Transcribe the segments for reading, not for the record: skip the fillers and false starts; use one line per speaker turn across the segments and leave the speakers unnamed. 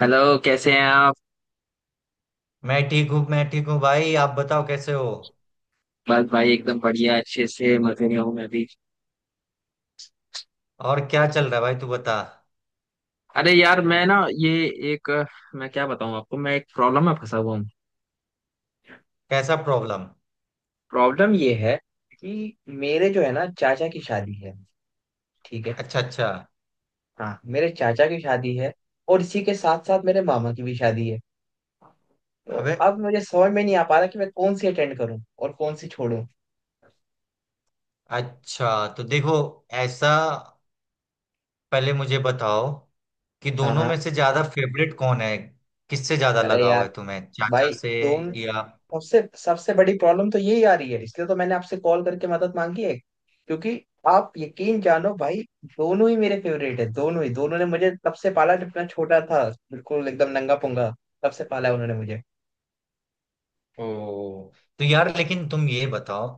Hello. कैसे हैं आप।
मैं ठीक हूँ भाई। आप बताओ कैसे हो।
बस भाई एकदम बढ़िया अच्छे से मजे में हूँ मैं भी।
और क्या चल रहा है भाई, तू बता।
अरे यार, एक मैं क्या बताऊँ आपको, मैं एक प्रॉब्लम में फंसा हुआ हूँ।
कैसा प्रॉब्लम?
प्रॉब्लम ये है कि मेरे जो है ना चाचा की शादी है। ठीक है।
अच्छा अच्छा।
हाँ, मेरे चाचा की शादी है और इसी के साथ साथ मेरे मामा की भी शादी है। तो
अबे,
अब मुझे समझ में नहीं आ पा रहा कि मैं कौन सी अटेंड करूँ और कौन सी छोड़ूं।
अच्छा तो देखो, ऐसा, पहले मुझे बताओ कि
हाँ
दोनों
हाँ।
में से ज्यादा फेवरेट कौन है? किससे ज्यादा
अरे
लगाव
यार,
है तुम्हें, चाचा
भाई,
से
तुम
या?
सबसे सबसे बड़ी प्रॉब्लम तो यही आ रही है, इसलिए तो मैंने आपसे कॉल करके मदद मांगी है, क्योंकि आप यकीन जानो भाई, दोनों ही मेरे फेवरेट है। दोनों ने मुझे तब से पाला जब मैं छोटा था, बिल्कुल एकदम नंगा पुंगा, तब से पाला है उन्होंने मुझे।
ओ, तो यार लेकिन तुम ये बताओ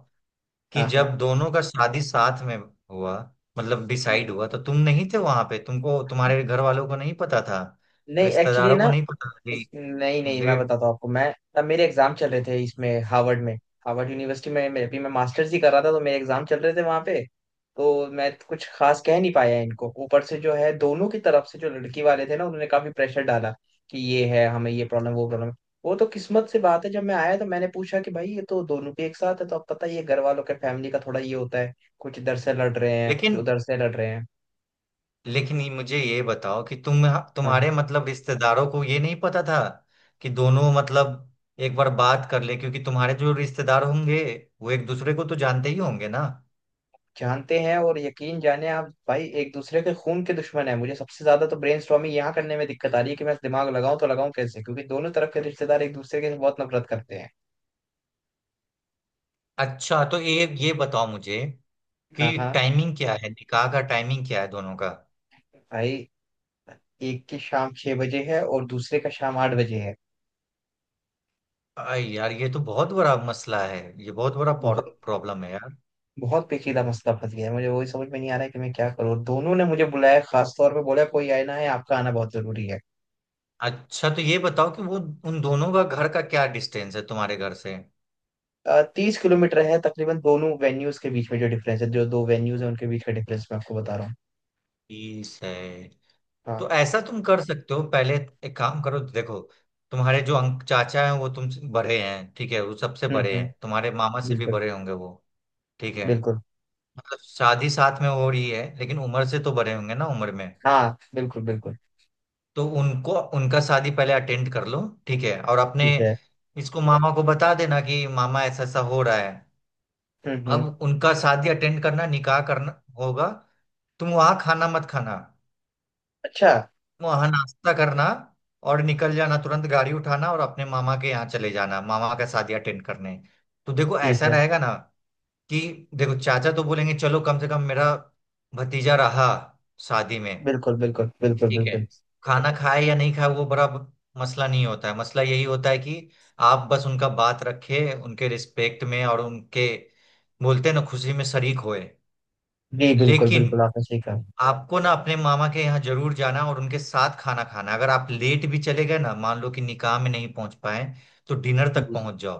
कि
हाँ
जब
हाँ।
दोनों का शादी साथ में हुआ, मतलब
हम्म,
डिसाइड
हम्म।
हुआ, तो तुम नहीं थे वहां पे? तुमको, तुम्हारे घर वालों को नहीं पता था?
नहीं, एक्चुअली
रिश्तेदारों को
ना
नहीं पता था?
नहीं नहीं, मैं
देव,
बताता हूँ आपको। मैं तब मेरे एग्जाम चल रहे थे, इसमें हार्वर्ड यूनिवर्सिटी में, मैं अभी मैं मास्टर्स ही कर रहा था, तो मेरे एग्जाम चल रहे थे वहां पे। तो मैं तो कुछ खास कह नहीं पाया इनको। ऊपर से जो है दोनों की तरफ से जो लड़की वाले थे ना, उन्होंने काफी प्रेशर डाला कि ये है, हमें ये प्रॉब्लम, वो प्रॉब्लम। वो तो किस्मत से बात है, जब मैं आया तो मैंने पूछा कि भाई ये तो दोनों के एक साथ है। तो अब पता ही है घर वालों के फैमिली का थोड़ा ये होता है, कुछ इधर से लड़ रहे हैं, कुछ
लेकिन
उधर से लड़ रहे हैं।
लेकिन मुझे ये बताओ कि तुम,
हाँ,
तुम्हारे मतलब रिश्तेदारों को ये नहीं पता था कि दोनों मतलब एक बार बात कर ले? क्योंकि तुम्हारे जो रिश्तेदार होंगे, वो एक दूसरे को तो जानते ही होंगे ना।
जानते हैं और यकीन जाने आप भाई, एक दूसरे के खून के दुश्मन है। मुझे सबसे ज्यादा तो ब्रेन स्टॉर्मिंग यहाँ करने में दिक्कत आ रही है कि मैं दिमाग लगाऊं तो लगाऊं कैसे, क्योंकि दोनों तरफ के रिश्तेदार एक दूसरे के बहुत नफरत करते हैं।
अच्छा तो ये बताओ मुझे कि
हाँ हाँ।
टाइमिंग क्या है, निकाह का टाइमिंग क्या है दोनों का?
भाई, एक की शाम 6 बजे है और दूसरे का शाम 8 बजे है।
अरे यार, ये तो बहुत बड़ा मसला है, ये बहुत बड़ा
बहुत,
प्रॉब्लम है यार।
बहुत पेचीदा मसला फंस गया है। मुझे वही समझ में नहीं आ रहा है कि मैं क्या करूँ। दोनों ने मुझे बुलाया, खास तौर पे बोला कोई आए ना है, आपका आना बहुत जरूरी है।
अच्छा तो ये बताओ कि वो, उन दोनों का घर का क्या डिस्टेंस है तुम्हारे घर से?
30 किलोमीटर है तकरीबन, दोनों वेन्यूज के बीच में जो डिफरेंस है, जो दो वेन्यूज है, उनके बीच का डिफरेंस मैं आपको बता रहा हूँ।
30 है? तो
हाँ।
ऐसा तुम कर सकते हो। पहले एक काम करो, देखो, तुम्हारे जो अंक चाचा हैं वो तुमसे बड़े हैं, ठीक है? वो सबसे बड़े हैं,
हम्म।
तुम्हारे मामा से भी
बिल्कुल
बड़े होंगे वो। ठीक है,
बिल्कुल।
मतलब शादी साथ में हो रही है लेकिन उम्र से तो बड़े होंगे ना उम्र में।
हाँ, बिल्कुल बिल्कुल।
तो उनको, उनका शादी पहले अटेंड कर लो, ठीक है? और अपने
ठीक है।
इसको, मामा को बता देना कि मामा ऐसा ऐसा हो रहा है।
हम्म।
अब उनका शादी अटेंड करना, निकाह करना होगा। तुम वहां खाना मत खाना,
अच्छा,
वहां नाश्ता करना और निकल जाना, तुरंत गाड़ी उठाना और अपने मामा के यहाँ चले जाना, मामा का शादी अटेंड करने। तो देखो
ठीक
ऐसा
है।
रहेगा ना कि देखो, चाचा तो बोलेंगे चलो कम से कम मेरा भतीजा रहा शादी में,
बिल्कुल बिल्कुल बिल्कुल
ठीक है?
बिल्कुल।
खाना खाए या नहीं खाए वो बड़ा मसला नहीं होता है। मसला यही होता है कि आप बस उनका बात रखे, उनके रिस्पेक्ट में, और उनके, बोलते हैं ना, खुशी में शरीक होए।
जी बिल्कुल
लेकिन
बिल्कुल, आपने सही कहा।
आपको ना अपने मामा के यहाँ जरूर जाना और उनके साथ खाना खाना। अगर आप लेट भी चले गए ना, मान लो कि निकाह में नहीं पहुंच पाए, तो डिनर तक
जी जी।
पहुंच जाओ।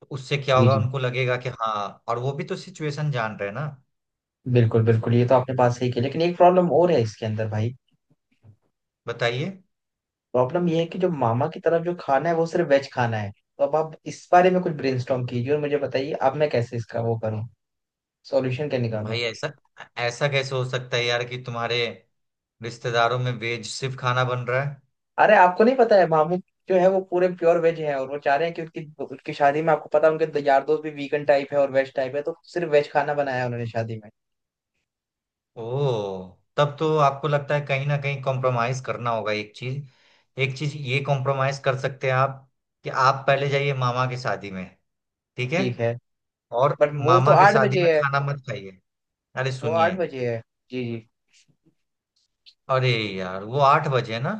तो उससे क्या
जी
होगा,
जी।
उनको लगेगा कि हाँ, और वो भी तो सिचुएशन जान रहे हैं ना।
बिल्कुल बिल्कुल, ये तो आपने बात सही की, लेकिन एक प्रॉब्लम और है इसके अंदर भाई।
बताइए।
प्रॉब्लम ये है कि जो मामा की तरफ जो खाना है, वो सिर्फ वेज खाना है। तो अब आप इस बारे में कुछ ब्रेनस्टॉर्म कीजिए और मुझे बताइए, अब मैं कैसे इसका वो करूँ, सॉल्यूशन क्या निकालूं।
भाई, ऐसा ऐसा कैसे हो सकता है यार कि तुम्हारे रिश्तेदारों में वेज सिर्फ खाना बन रहा है?
अरे आपको नहीं पता है, मामू जो है वो पूरे प्योर वेज है, और वो चाह रहे हैं कि उनकी उनकी शादी में, आपको पता है, उनके यार दोस्त भी वीगन टाइप है और वेज टाइप है, तो सिर्फ वेज खाना बनाया है उन्होंने शादी में।
ओह, तब तो आपको लगता है कहीं ना कहीं कॉम्प्रोमाइज करना होगा। एक चीज, एक चीज ये कॉम्प्रोमाइज कर सकते हैं आप कि आप पहले जाइए मामा की शादी में, ठीक है?
ठीक है,
और
बट वो तो
मामा के
आठ
शादी में
बजे है।
खाना मत खाइए। अरे
वो आठ
सुनिए,
बजे है। जी जी।
अरे यार वो 8 बजे है ना?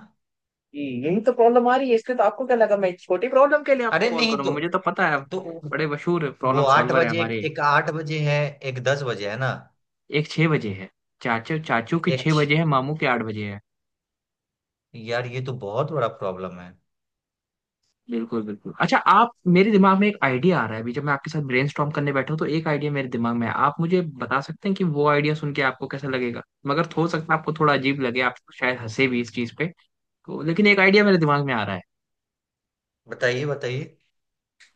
जी, यही तो प्रॉब्लम आ रही है। इसलिए तो, आपको क्या लगा मैं छोटी प्रॉब्लम के लिए आपको
अरे
कॉल
नहीं
करूंगा?
तो,
मुझे तो पता है, आप
तो
बड़े मशहूर
वो
प्रॉब्लम
आठ
सॉल्वर है
बजे
हमारे।
एक 8 बजे है, एक 10 बजे है ना।
एक छह बजे है, चाचू चाचू की
एक,
6 बजे है, मामू की 8 बजे है।
यार ये तो बहुत बड़ा प्रॉब्लम है।
बिल्कुल बिल्कुल। अच्छा आप, मेरे दिमाग में एक आइडिया आ रहा है अभी, जब मैं आपके साथ ब्रेनस्टॉर्म करने बैठा हूँ, तो एक आइडिया मेरे दिमाग में है। आप मुझे बता सकते हैं कि वो आइडिया सुन के आपको कैसा लगेगा। मगर हो सकता है आपको थोड़ा अजीब लगे, आप शायद हंसे भी इस चीज पे, तो लेकिन एक आइडिया मेरे दिमाग में आ रहा है।
बताइए बताइए।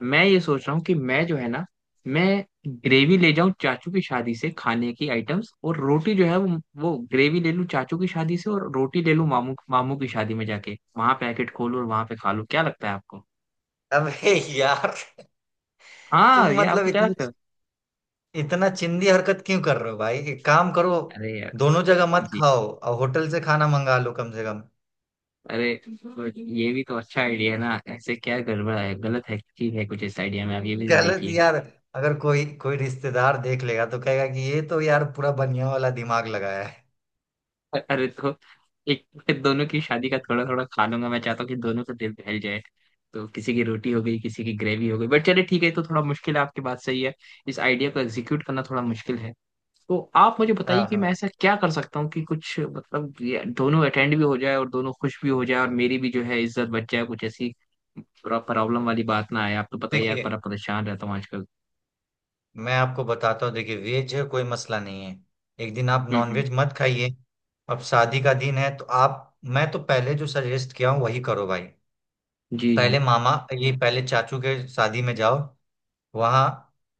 मैं ये सोच रहा हूँ कि मैं जो है ना, मैं ग्रेवी ले जाऊं चाचू की शादी से खाने की आइटम्स और रोटी जो है वो ग्रेवी ले लूं चाचू की शादी से और रोटी ले लूं, मामू मामू की शादी में जाके वहां पैकेट खोलूं और वहां पे खा लूं। क्या लगता है आपको?
अबे यार,
हाँ,
तुम
ये
मतलब
आपको क्या
इतनी
लगता है?
इतना चिंदी हरकत क्यों कर रहे हो भाई? एक काम करो,
अरे,
दोनों जगह मत
जी।
खाओ और होटल से खाना मंगा लो कम से कम।
अरे, बट ये भी तो अच्छा आइडिया है ना, ऐसे क्या गड़बड़ है, गलत है, ठीक है कुछ इस आइडिया में? आप ये भी तो
गलत
देखिए।
यार, अगर कोई कोई रिश्तेदार देख लेगा तो कहेगा कि ये तो यार पूरा बनिया वाला दिमाग लगाया है।
अरे तो, एक फिर दोनों की शादी का थोड़ा थोड़ा खा लूंगा, मैं चाहता हूँ कि दोनों का दिल बहल जाए। तो किसी की रोटी हो गई, किसी की ग्रेवी हो गई, बट चलिए ठीक है, ये तो थोड़ा मुश्किल है, आपकी बात सही है। इस आइडिया को एग्जीक्यूट करना थोड़ा मुश्किल है। तो आप मुझे
हाँ
बताइए कि मैं
हाँ।
ऐसा क्या कर सकता हूँ कि कुछ मतलब ये दोनों अटेंड भी हो जाए और दोनों खुश भी हो जाए और मेरी भी जो है इज्जत बच जाए, कुछ ऐसी प्रॉब्लम वाली बात ना आए। आप तो पता ही है यार,
देखिए,
बड़ा परेशान रहता हूँ आजकल।
मैं आपको बताता हूँ। देखिए, वेज है कोई मसला नहीं है, एक दिन आप
हम्म।
नॉनवेज मत खाइए। अब शादी का दिन है तो आप, मैं तो पहले जो सजेस्ट किया हूँ वही करो भाई।
जी जी।
पहले मामा, ये पहले चाचू के शादी में जाओ, वहाँ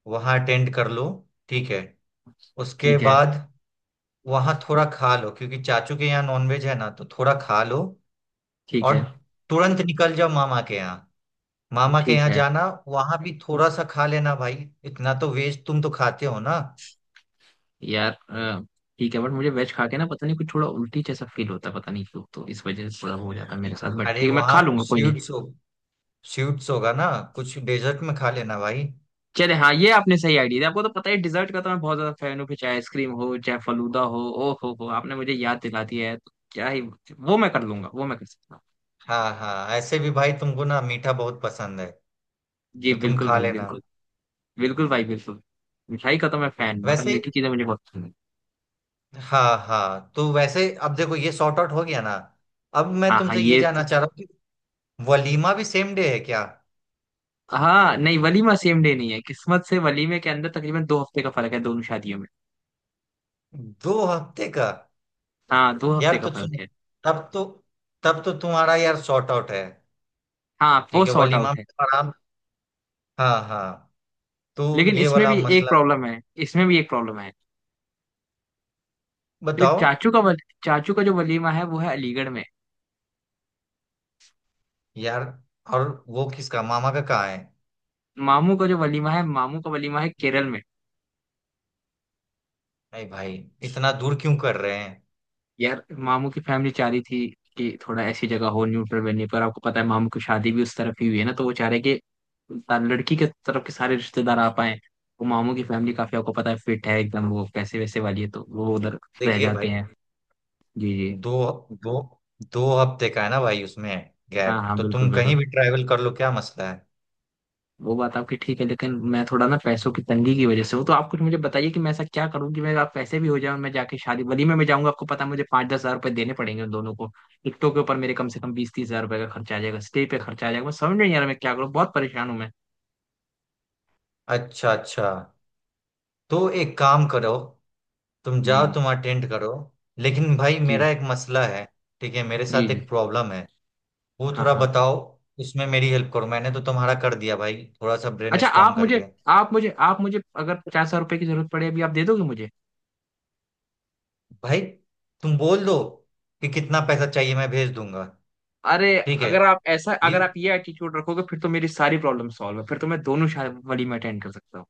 वहाँ अटेंड कर लो, ठीक है? उसके
ठीक है।
बाद वहाँ थोड़ा खा लो क्योंकि चाचू के यहाँ नॉनवेज है ना, तो थोड़ा खा लो।
ठीक
और
है।
तुरंत निकल जाओ मामा के यहाँ, मामा के
ठीक
यहाँ
है
जाना। वहां भी थोड़ा सा खा लेना भाई, इतना तो वेज तुम तो खाते हो ना।
यार, ठीक है। बट मुझे वेज खा के ना पता नहीं कुछ थोड़ा उल्टी जैसा फील होता है, पता नहीं क्यों, तो इस वजह से थोड़ा हो जाता है मेरे साथ। बट
अरे
ठीक है, मैं
वहाँ
खा लूंगा, कोई नहीं।
स्वीट्स होगा ना, कुछ डेजर्ट में खा लेना भाई।
चले हाँ, ये आपने सही आइडिया दिया। आपको तो पता है डिजर्ट का तो मैं बहुत ज्यादा फैन हूँ, फिर चाहे आइसक्रीम हो चाहे फलूदा हो। ओ हो, आपने मुझे याद दिला दिया है, तो क्या ही, वो मैं कर लूंगा, वो मैं कर सकता हूँ।
हाँ हाँ, ऐसे भी भाई तुमको ना मीठा बहुत पसंद है,
जी
तो तुम
बिल्कुल
खा
भाई
लेना।
बिल्कुल। बिल्कुल भाई बिल्कुल। मिठाई का तो मैं फैन, मतलब
वैसे,
मीठी चीजें मुझे बहुत पसंद है।
हाँ हाँ, तो वैसे अब देखो ये सॉर्ट आउट हो गया ना। अब मैं
हाँ हाँ,
तुमसे ये
ये तो।
जानना चाह रहा हूँ कि वलीमा भी सेम डे है क्या?
हाँ, नहीं वलीमा सेम डे नहीं है, किस्मत से वलीमे के अंदर तकरीबन 2 हफ्ते का फर्क है दोनों शादियों में।
2 हफ्ते का?
हाँ, 2 हफ्ते
यार
का
तो सुन,
फर्क है।
तब तो तब तो तुम्हारा यार शॉर्ट आउट है।
हाँ, वो
ठीक है,
सॉर्ट
वलीमा
आउट
में
है।
तो आराम। हाँ हाँ, तो
लेकिन
ये
इसमें
वाला
भी एक
मसला।
प्रॉब्लम है। इसमें भी एक प्रॉब्लम है जो
बताओ
चाचू का चाचू का जो वलीमा है वो है अलीगढ़ में।
यार, और वो किसका, मामा का कहाँ है?
मामू का जो वलीमा है, मामू का वलीमा है केरल में।
अरे भाई, इतना दूर क्यों कर रहे हैं?
यार, मामू की फैमिली चाह रही थी कि थोड़ा ऐसी जगह हो, न्यूट्रल वेन्यू पर। आपको पता है मामू की शादी भी उस तरफ ही हुई है ना, तो वो चाह रहे कि लड़की के तरफ के सारे रिश्तेदार आ पाए। वो मामू की फैमिली काफी, आपको पता है, फिट है एकदम, वो पैसे वैसे वाली है, तो वो उधर रह
देखिए
जाते
भाई,
हैं। जी जी।
दो दो 2 हफ्ते का है ना भाई, उसमें
हाँ
गैप,
हाँ,
तो
बिल्कुल
तुम
बिल्कुल।
कहीं भी ट्रैवल कर लो, क्या मसला है?
वो बात आपकी ठीक है, लेकिन मैं थोड़ा ना पैसों की तंगी की वजह से हूँ, तो आप कुछ मुझे बताइए कि मैं ऐसा क्या करूँ कि मेरे आप पैसे भी हो जाए और मैं जाके शादी वलीमे में मैं जाऊंगा। आपको पता है, मुझे 5-10 हजार रुपये देने पड़ेंगे उन दोनों को, टिकटों के ऊपर मेरे कम से कम 20-30 हजार रुपये का खर्चा आ जाएगा, स्टे पे खर्चा आ जाएगा। मैं समझ में नहीं आ रहा मैं क्या करूँ, बहुत परेशान हूँ मैं।
अच्छा अच्छा, तो एक काम करो तुम जाओ,
जी
तुम अटेंड करो। लेकिन भाई
जी।
मेरा एक मसला है, ठीक है? मेरे
जी
साथ
जी।
एक प्रॉब्लम है, वो
हाँ
थोड़ा
हाँ।
बताओ, इसमें मेरी हेल्प करो। मैंने तो तुम्हारा कर दिया भाई, थोड़ा सा ब्रेन
अच्छा,
स्टॉर्म करके।
आप मुझे, अगर 50 हजार रुपये की जरूरत पड़े अभी, आप दे दोगे मुझे?
भाई, तुम बोल दो कि कितना पैसा चाहिए, मैं भेज दूंगा,
अरे,
ठीक है? ये,
अगर आप ये एटीट्यूड रखोगे, फिर तो मेरी सारी प्रॉब्लम सॉल्व है, फिर तो मैं दोनों शादी वलीमे अटेंड कर सकता हूँ।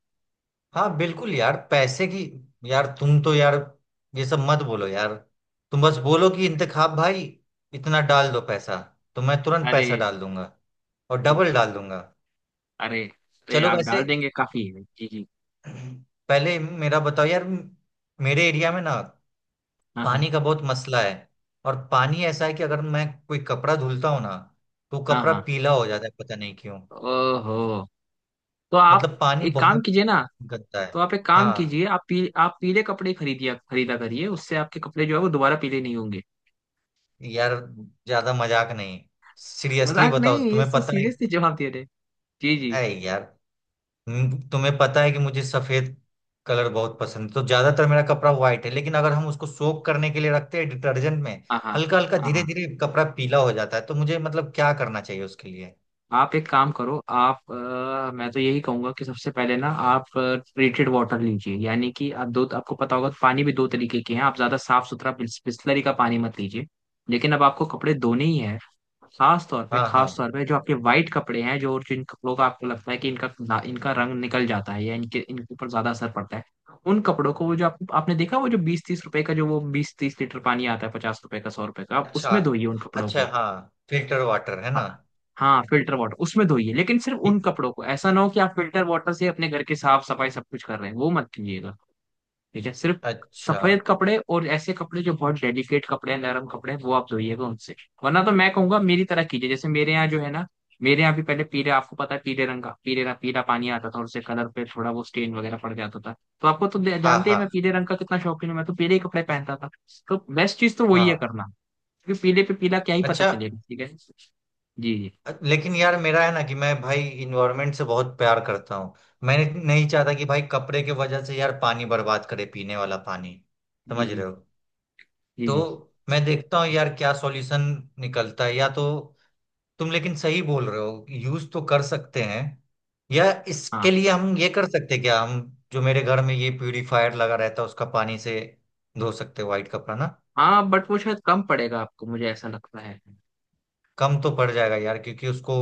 हाँ बिल्कुल यार, पैसे की, यार तुम तो यार, ये सब मत बोलो यार, तुम बस बोलो कि इंतखाब भाई इतना डाल दो पैसा, तो मैं तुरंत
अरे,
पैसा डाल दूंगा और
ठीक
डबल
है।
डाल दूंगा।
अरे। अरे,
चलो
आप
वैसे
डाल देंगे, काफी है। जी जी।
पहले मेरा बताओ यार। मेरे एरिया में ना
हाँ हाँ।
पानी का बहुत मसला है, और पानी ऐसा है कि अगर मैं कोई कपड़ा धुलता हूँ ना, तो वो
हाँ
कपड़ा
हाँ।
पीला हो जाता है, पता नहीं क्यों।
ओहो, तो आप
मतलब पानी
एक काम
बहुत
कीजिए ना
गंदा है।
तो आप एक काम
हाँ
कीजिए, आप आप पीले कपड़े खरीदिया खरीदा करिए, उससे आपके कपड़े जो है वो दोबारा पीले नहीं होंगे।
यार, ज्यादा मजाक नहीं, सीरियसली
मजाक
बताओ,
नहीं, ये
तुम्हें
तो
पता है?
सीरियसली जवाब दे रहे। जी जी।
ऐ यार, तुम्हें पता है कि मुझे सफेद कलर बहुत पसंद है, तो ज्यादातर मेरा कपड़ा व्हाइट है, लेकिन अगर हम उसको सोक करने के लिए रखते हैं डिटर्जेंट में,
हाँ हाँ।
हल्का हल्का,
हाँ
धीरे
हाँ।
धीरे कपड़ा पीला हो जाता है। तो मुझे मतलब क्या करना चाहिए उसके लिए?
आप एक काम करो, मैं तो यही कहूंगा कि सबसे पहले ना, आप ट्रीटेड वाटर लीजिए, यानी कि आप दो आपको पता होगा पानी भी दो तरीके के हैं, आप ज्यादा साफ सुथरा बिस्लरी का पानी मत लीजिए। लेकिन अब आपको कपड़े धोने ही है।
हाँ
खास
हाँ,
तौर पे जो आपके वाइट कपड़े हैं, जो जिन कपड़ों का आपको लगता है कि इनका इनका रंग निकल जाता है, या इनके इनके ऊपर ज्यादा असर पड़ता है, उन कपड़ों को, वो जो आपने देखा, वो जो 20-30 रुपए का, जो वो 20-30 लीटर पानी आता है, 50 रुपए का, 100 रुपए का, आप
अच्छा
उसमें धोइए उन कपड़ों
अच्छा,
को।
हाँ फिल्टर वाटर है ना?
हाँ, फिल्टर वाटर उसमें धोइए, लेकिन सिर्फ
ठीक,
उन कपड़ों को, ऐसा ना हो कि आप फिल्टर वाटर से अपने घर की साफ सफाई सब कुछ कर रहे हैं, वो मत कीजिएगा। ठीक है, सिर्फ
अच्छा,
सफेद कपड़े और ऐसे कपड़े जो बहुत डेलिकेट कपड़े हैं, नरम कपड़े हैं, वो आप धोइएगा उनसे। वरना तो मैं कहूंगा मेरी तरह कीजिए, जैसे मेरे यहाँ जो है ना, मेरे यहाँ भी पहले पीले, आपको पता है पीले रंग का पीले पीला पानी आता था, और उससे कलर पे थोड़ा वो स्टेन वगैरह पड़ जाता था। तो आपको तो
हाँ
जानते ही, मैं
हाँ
पीले रंग का कितना शौकीन हूँ, मैं तो पीले ही कपड़े पहनता था। तो बेस्ट चीज तो वही है
हाँ,
करना, क्योंकि पीले पे पीला क्या ही पता
अच्छा।
चलेगा। ठीक है। जी।
लेकिन यार मेरा है ना कि मैं भाई इन्वायरमेंट से बहुत प्यार करता हूँ, मैं नहीं चाहता कि भाई कपड़े के वजह से यार पानी बर्बाद करे, पीने वाला पानी,
जी
समझ
जी।
रहे हो?
जी
तो मैं देखता हूँ यार क्या सॉल्यूशन निकलता है, या तो, तुम लेकिन सही बोल रहे हो, यूज तो कर सकते हैं, या इसके
हाँ
लिए हम ये कर सकते हैं क्या, हम जो मेरे घर में ये प्यूरिफायर लगा रहता है उसका पानी से धो सकते हैं व्हाइट कपड़ा ना?
हाँ। बट वो शायद कम पड़ेगा आपको, मुझे ऐसा लगता है।
कम तो पड़ जाएगा यार, क्योंकि उसको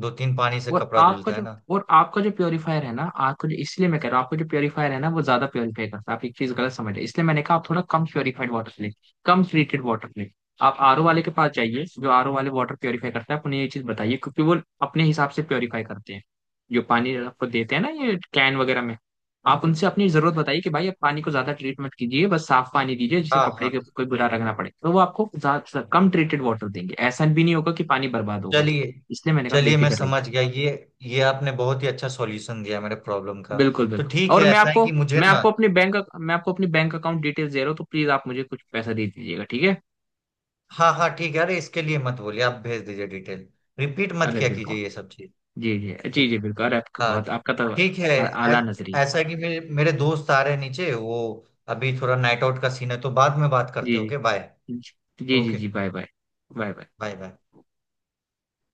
दो तीन पानी से
और
कपड़ा
आपका
धुलता है
जो
ना।
और आपका जो प्योरीफायर है ना, आपको जो इसलिए मैं कह रहा हूँ, आपको जो प्योरीफायर है ना वो ज्यादा प्योरीफाई करता है, आप एक चीज गलत समझ रहे हैं, इसलिए मैंने कहा आप थोड़ा कम प्योरीफाइड वाटर लें, कम ट्रीटेड वाटर लें। आप RO वाले के पास जाइए, जो RO वाले वाटर प्योरीफाई करता है, आप उन्हें ये चीज बताइए, क्योंकि वो अपने हिसाब से प्योरीफाई करते हैं जो पानी आपको देते हैं ना, ये कैन वगैरह में। आप उनसे अपनी जरूरत बताइए कि भाई, आप पानी को ज्यादा ट्रीट मत कीजिए, बस साफ पानी दीजिए, जिसे
हाँ
कपड़े के
हाँ,
कोई बुरा रखना पड़े, तो वो आपको कम ट्रीटेड वाटर देंगे, ऐसा भी नहीं होगा कि पानी बर्बाद होगा।
चलिए
इसलिए मैंने कहा
चलिए। मैं
बेफिक्र रहिए।
समझ गया, ये आपने बहुत ही अच्छा सॉल्यूशन दिया मेरे प्रॉब्लम का।
बिल्कुल
तो
बिल्कुल,
ठीक
और
है, ऐसा है कि मुझे ना,
मैं आपको अपनी बैंक अकाउंट डिटेल्स दे रहा हूँ, तो प्लीज आप मुझे कुछ पैसा दे दीजिएगा, ठीक है?
हाँ हाँ ठीक है, अरे इसके लिए मत बोलिए, आप भेज दीजिए डिटेल, रिपीट मत
अरे
किया
बिल्कुल।
कीजिए ये सब चीज।
जी जी। जी जी
ठीक,
बिल्कुल, अरे,
हाँ,
आपका तो
ठीक है।
आला नजरी है।
ऐसा है कि मेरे मेरे दोस्त आ रहे हैं नीचे, वो अभी थोड़ा नाइट आउट का सीन है, तो बाद में बात
जी।
करते हैं। Okay bye.
जी जी। जी
ओके
जी, bye bye. Bye bye.
Bye bye.